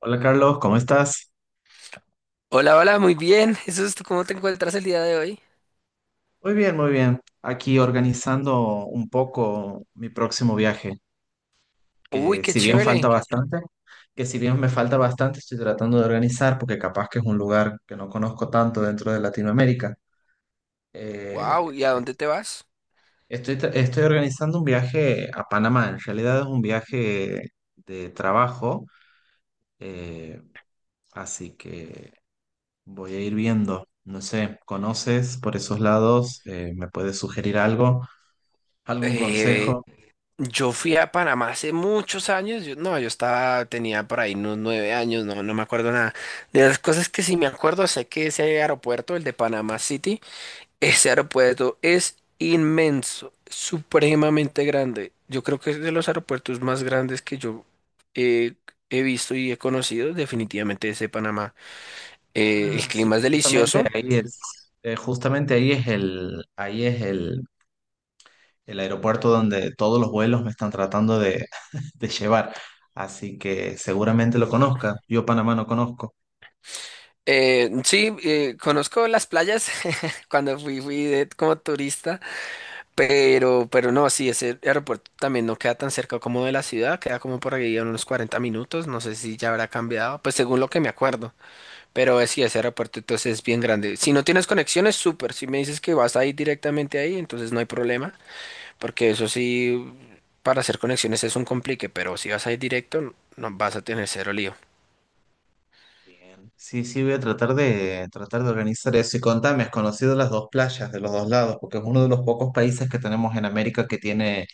Hola Carlos, ¿cómo estás? Hola, hola, muy bien. Jesús, ¿tú cómo te encuentras el día de hoy? Muy bien, muy bien. Aquí organizando un poco mi próximo viaje, Uy, que qué si bien chévere. falta bastante, que si bien me falta bastante, estoy tratando de organizar porque capaz que es un lugar que no conozco tanto dentro de Latinoamérica. Eh, Wow, ¿y a dónde te vas? Estoy organizando un viaje a Panamá, en realidad es un viaje de trabajo, eh, así que voy a ir viendo. No sé, ¿conoces por esos lados? ¿me puedes sugerir algo? ¿Algún Eh, consejo? yo fui a Panamá hace muchos años. Yo, no, yo estaba, tenía por ahí unos 9 años, no, no me acuerdo nada. De las cosas que sí me acuerdo, sé que ese aeropuerto, el de Panama City, ese aeropuerto es inmenso, supremamente grande. Yo creo que es de los aeropuertos más grandes que yo eh, he visto y he conocido, definitivamente ese de Panamá. El Ah, sí, clima es delicioso. Justamente ahí es el aeropuerto donde todos los vuelos me están tratando de llevar. Así que seguramente lo conozca. Yo Panamá no conozco. Sí, conozco las playas cuando fui, como turista, pero no, sí, ese aeropuerto también no queda tan cerca como de la ciudad, queda como por ahí a unos 40 minutos, no sé si ya habrá cambiado, pues según lo que me acuerdo, pero sí, ese aeropuerto entonces es bien grande. Si no tienes conexiones, súper, si me dices que vas a ir directamente ahí, entonces no hay problema, porque eso sí, para hacer conexiones es un complique, pero si vas a ir directo, no vas a tener cero lío. Bien. Sí, sí, voy a tratar de organizar eso. Y contame, ¿has conocido las dos playas de los dos lados? Porque es uno de los pocos países que tenemos en América que tiene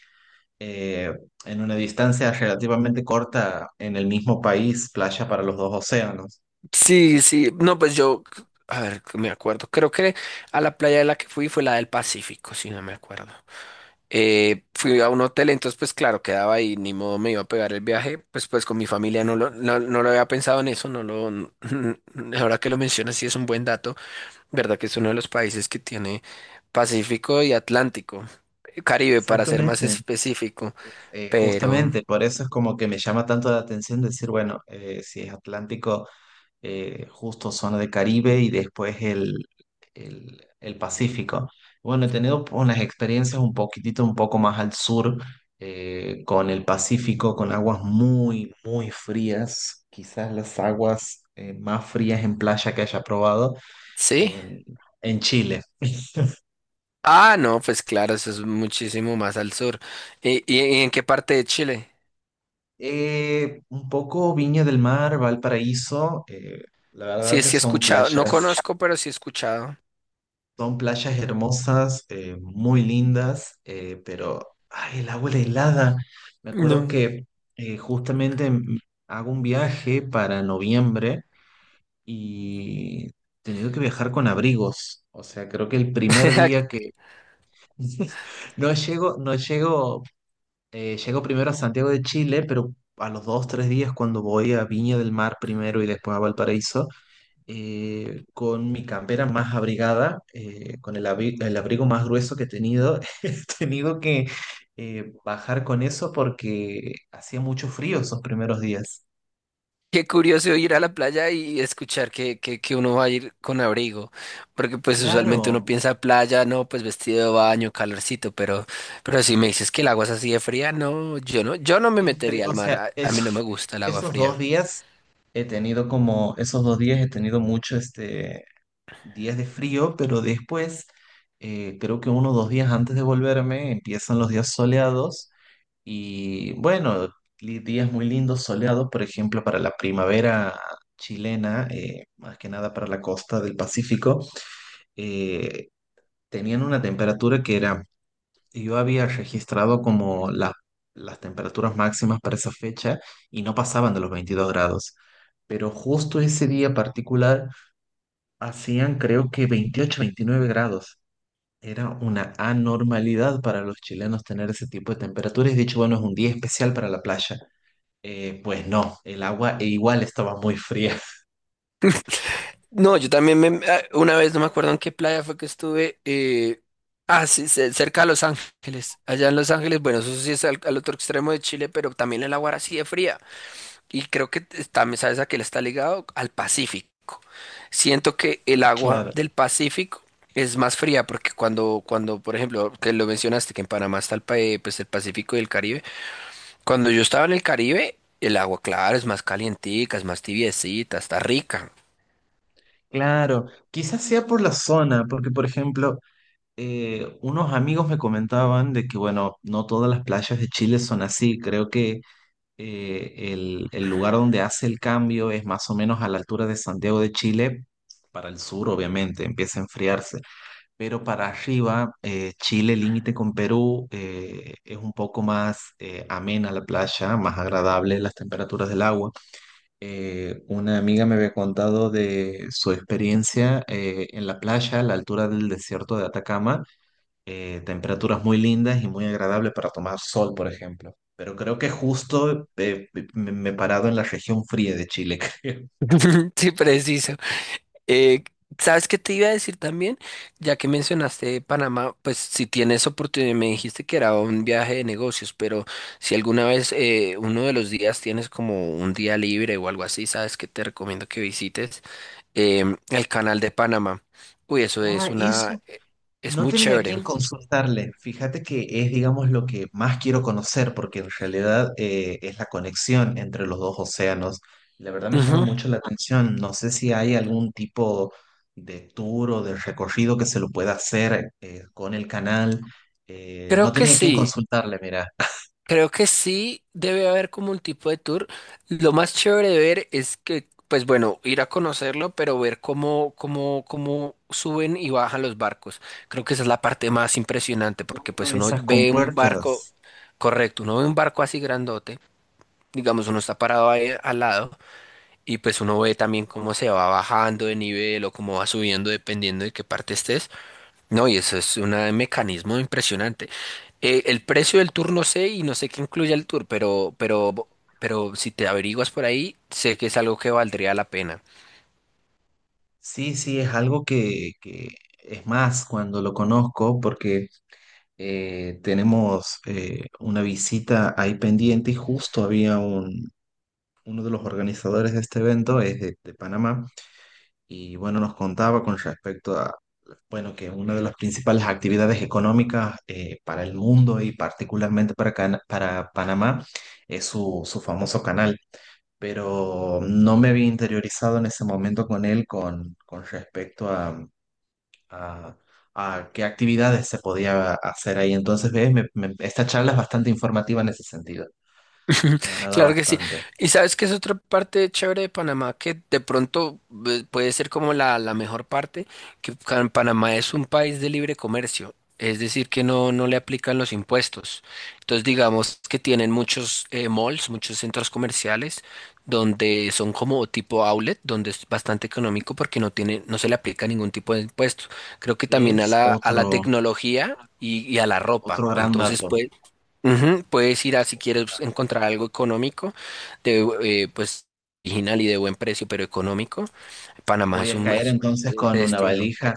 eh, en una distancia relativamente corta en el mismo país playa para los dos océanos. Sí, sí, no, pues yo, a ver, que me acuerdo, creo que a la playa de la que fui fue la del Pacífico, si no me acuerdo. Fui a un hotel, entonces pues claro, quedaba ahí, ni modo me iba a pegar el viaje, pues con mi familia no lo, no, no lo había pensado en eso, no lo, ahora que lo mencionas sí es un buen dato, verdad que es uno de los países que tiene Pacífico y Atlántico, Caribe para ser más Exactamente. específico, pero Justamente, por eso es como que me llama tanto la atención decir, bueno, si es Atlántico, justo zona de Caribe y después el Pacífico. Bueno, he tenido unas experiencias un poquitito, un poco más al sur, con el Pacífico, con aguas muy, muy frías, quizás las aguas más frías en playa que haya probado sí. en, en Chile. Ah, no, pues claro, eso es muchísimo más al sur. ¿Y, y en qué parte de Chile? Un poco Viña del Mar, Valparaíso, la verdad Sí, que sí he escuchado. No conozco, pero sí he escuchado. son playas hermosas, muy lindas, pero ay, el agua era helada. Me acuerdo No. que eh, justamente mm, hago un viaje para noviembre y he tenido que viajar con abrigos. O sea, creo que el primer día que no llego, no llego. Llego primero a Santiago de Chile, pero a los dos, tres días cuando voy a Viña del Mar primero y después a Valparaíso, con mi campera más abrigada, con el abrigo más grueso que he tenido, he tenido que bajar con eso porque hacía mucho frío esos primeros días. Qué curioso ir a la playa y escuchar que uno va a ir con abrigo, porque pues usualmente uno Claro, piensa playa, no, pues vestido de baño, calorcito, pero si me dices que el agua es así de fría, no, yo no, yo no me es frío, metería o al mar, sea, a eso- mí no me gusta el agua esos dos fría. días he tenido como, esos dos días he tenido mucho este días de frío, pero después, creo que uno o dos días antes de volverme, empiezan los días soleados y bueno, días muy lindos soleados, por ejemplo, para la primavera chilena, más que nada para la costa del Pacífico, eh, tenían una temperatura que era, yo había registrado como las temperaturas máximas para esa fecha y no pasaban de los 22 grados. Pero justo ese día particular hacían creo que 28 29 grados. Era una anormalidad para los chilenos tener ese tipo de temperaturas. Y de hecho, bueno, es un día especial para la playa. Pues no, el agua e igual estaba muy fría. No, yo también me, ah, una vez no me acuerdo en qué playa fue que estuve, ah, sí, cerca de Los Ángeles, allá en Los Ángeles, bueno, eso sí es al, al otro extremo de Chile, pero también el agua era así de fría. Y creo que también sabes a qué le está ligado al Pacífico. Siento que el agua Claro, del Pacífico es más fría porque cuando, cuando, por ejemplo, que lo mencionaste, que en Panamá está el, pues, el Pacífico y el Caribe. Cuando yo estaba en el Caribe, el agua, claro, es más calientica, es más tibiecita, está rica. claro. Quizás sea por la zona, porque por ejemplo, unos amigos me comentaban de que, bueno, no todas las playas de Chile son así. Creo que el lugar donde hace el cambio es más o menos a la altura de Santiago de Chile, para el sur, obviamente, empieza a enfriarse. Pero para arriba, Chile, límite con Perú, es un poco más amena la playa, más agradable las temperaturas del agua. Una amiga me había contado de su experiencia en la playa, a la altura del desierto de Atacama, temperaturas muy lindas y muy agradables para tomar sol, por ejemplo. Pero creo que justo me me he parado en la región fría de Chile, creo. Sí, preciso. Eh, ¿Sabes qué te iba a decir también? Ya que mencionaste Panamá, pues si tienes oportunidad, me dijiste que era un viaje de negocios, pero si alguna vez uno de los días tienes como un día libre o algo así, ¿sabes qué te recomiendo que visites? El canal de Panamá. Uy, eso es Ah, una... eso es no muy tenía a chévere. quién consultarle. Fíjate que es, digamos, lo que más quiero conocer, porque en realidad es la conexión entre los dos océanos. La verdad me llama Ujú. mucho la atención. No sé si hay algún tipo de tour o de recorrido que se lo pueda hacer con el canal. No Creo que tenía a quién sí. consultarle, mira. Creo que sí debe haber como un tipo de tour. Lo más chévere de ver es que, pues bueno, ir a conocerlo, pero ver cómo, cómo, cómo suben y bajan los barcos. Creo que esa es la parte más impresionante, porque Abro pues uno esas ve un barco, compuertas. correcto, uno ve un barco así grandote, digamos, uno está parado ahí al lado, y pues uno ve también cómo se va bajando de nivel o cómo va subiendo dependiendo de qué parte estés. No, y eso es un mecanismo impresionante. El precio del tour no sé y no sé qué incluye el tour, pero si te averiguas por ahí, sé que es algo que valdría la pena. Sí, sí, es algo que es más cuando lo conozco, porque tenemos una visita ahí pendiente y justo había un, uno de los organizadores de este evento, es de Panamá, y bueno, nos contaba con respecto a, bueno, que una de las principales actividades económicas para el mundo y particularmente para, para Panamá es su, su famoso canal. Pero no me había interiorizado en ese momento con él con respecto a, a qué actividades se podía hacer ahí. Entonces, ves, esta charla es bastante informativa en ese sentido. Me agrada Claro que sí. bastante. Y sabes que es otra parte chévere de Panamá que de pronto puede ser como la mejor parte, que Panamá es un país de libre comercio, es decir, que no, no le aplican los impuestos. Entonces, digamos que tienen muchos malls, muchos centros comerciales, donde son como tipo outlet, donde es bastante económico porque no tiene, no se le aplica ningún tipo de impuesto. Creo que también ¿Ves? A la Otro, tecnología y a la ropa. otro gran Entonces, dato. pues, ujú, puedes ir a si quieres pues, encontrar algo económico, de, pues original y de buen precio, pero económico. Panamá Voy es a un caer entonces es con una destino valija.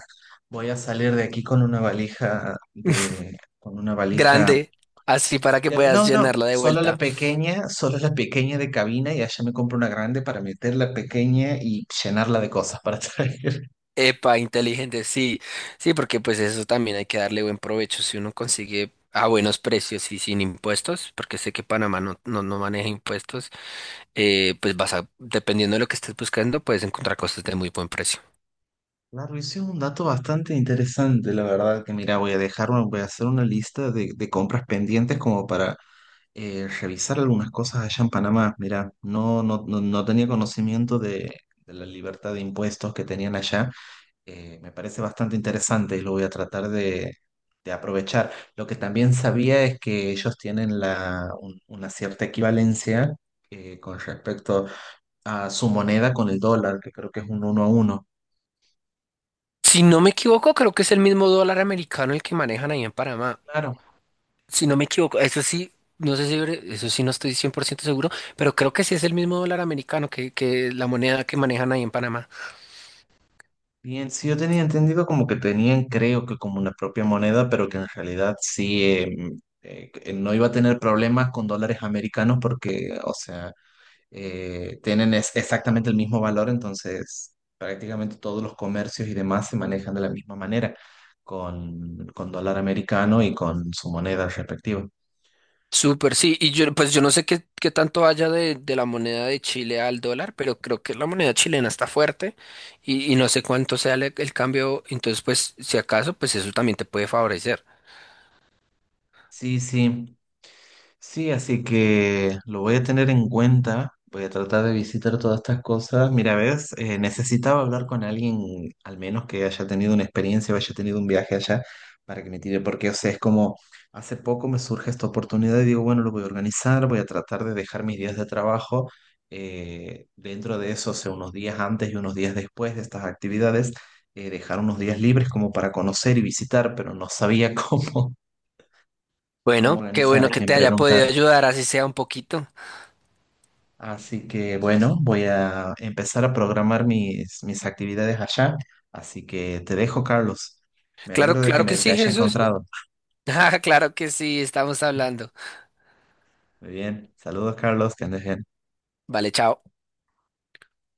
Voy a salir de aquí con una valija de, con una valija. grande, así para que puedas No, no, llenarla de vuelta. Solo la pequeña de cabina y allá me compro una grande para meter la pequeña y llenarla de cosas para traer. Epa, inteligente, sí, sí, porque pues eso también hay que darle buen provecho si uno consigue a buenos precios y sin impuestos, porque sé que Panamá no, no, no maneja impuestos, pues vas a, dependiendo de lo que estés buscando, puedes encontrar cosas de muy buen precio. Claro, ese es un dato bastante interesante, la verdad, que mira, voy a dejar, voy a hacer una lista de compras pendientes como para revisar algunas cosas allá en Panamá. Mira, no, no, no, no tenía conocimiento de la libertad de impuestos que tenían allá. Me parece bastante interesante y lo voy a tratar de aprovechar. Lo que también sabía es que ellos tienen una cierta equivalencia con respecto a su moneda con el dólar, que creo que es un uno a uno. Si no me equivoco, creo que es el mismo dólar americano el que manejan ahí en Panamá. Claro, Si no me equivoco, eso sí, no sé si, eso sí no estoy 100% seguro, pero creo que sí es el mismo dólar americano que la moneda que manejan ahí en Panamá. bien, sí, yo tenía entendido como que tenían, creo que como una propia moneda, pero que en realidad sí que no iba a tener problemas con dólares americanos porque, o sea, tienen exactamente el mismo valor, entonces prácticamente todos los comercios y demás se manejan de la misma manera, con dólar americano y con su moneda respectiva. Súper, sí. Y yo, pues yo no sé qué, qué tanto haya de la moneda de Chile al dólar, pero creo que la moneda chilena está fuerte y no sé cuánto sea el cambio. Entonces, pues, si acaso, pues eso también te puede favorecer. Sí, sí. Sí, así que lo voy a tener en cuenta. Voy a tratar de visitar todas estas cosas. Mira, ves, necesitaba hablar con alguien, al menos que haya tenido una experiencia o haya tenido un viaje allá, para que me tire, porque, o sea, es como, hace poco me surge esta oportunidad y digo, bueno, lo voy a organizar, voy a tratar de dejar mis días de trabajo dentro de eso, o sea, unos días antes y unos días después de estas actividades, dejar unos días libres como para conocer y visitar, pero no sabía cómo, cómo Bueno, qué organizar, a bueno que quién te haya preguntar. podido ayudar, así sea un poquito. Así que bueno, voy a empezar a programar mis, mis actividades allá. Así que te dejo, Carlos. Me Claro, alegro de que claro que me te sí, haya Jesús. encontrado. Ah, claro que sí, estamos hablando. Muy bien. Saludos, Carlos, que andes bien. Vale, chao.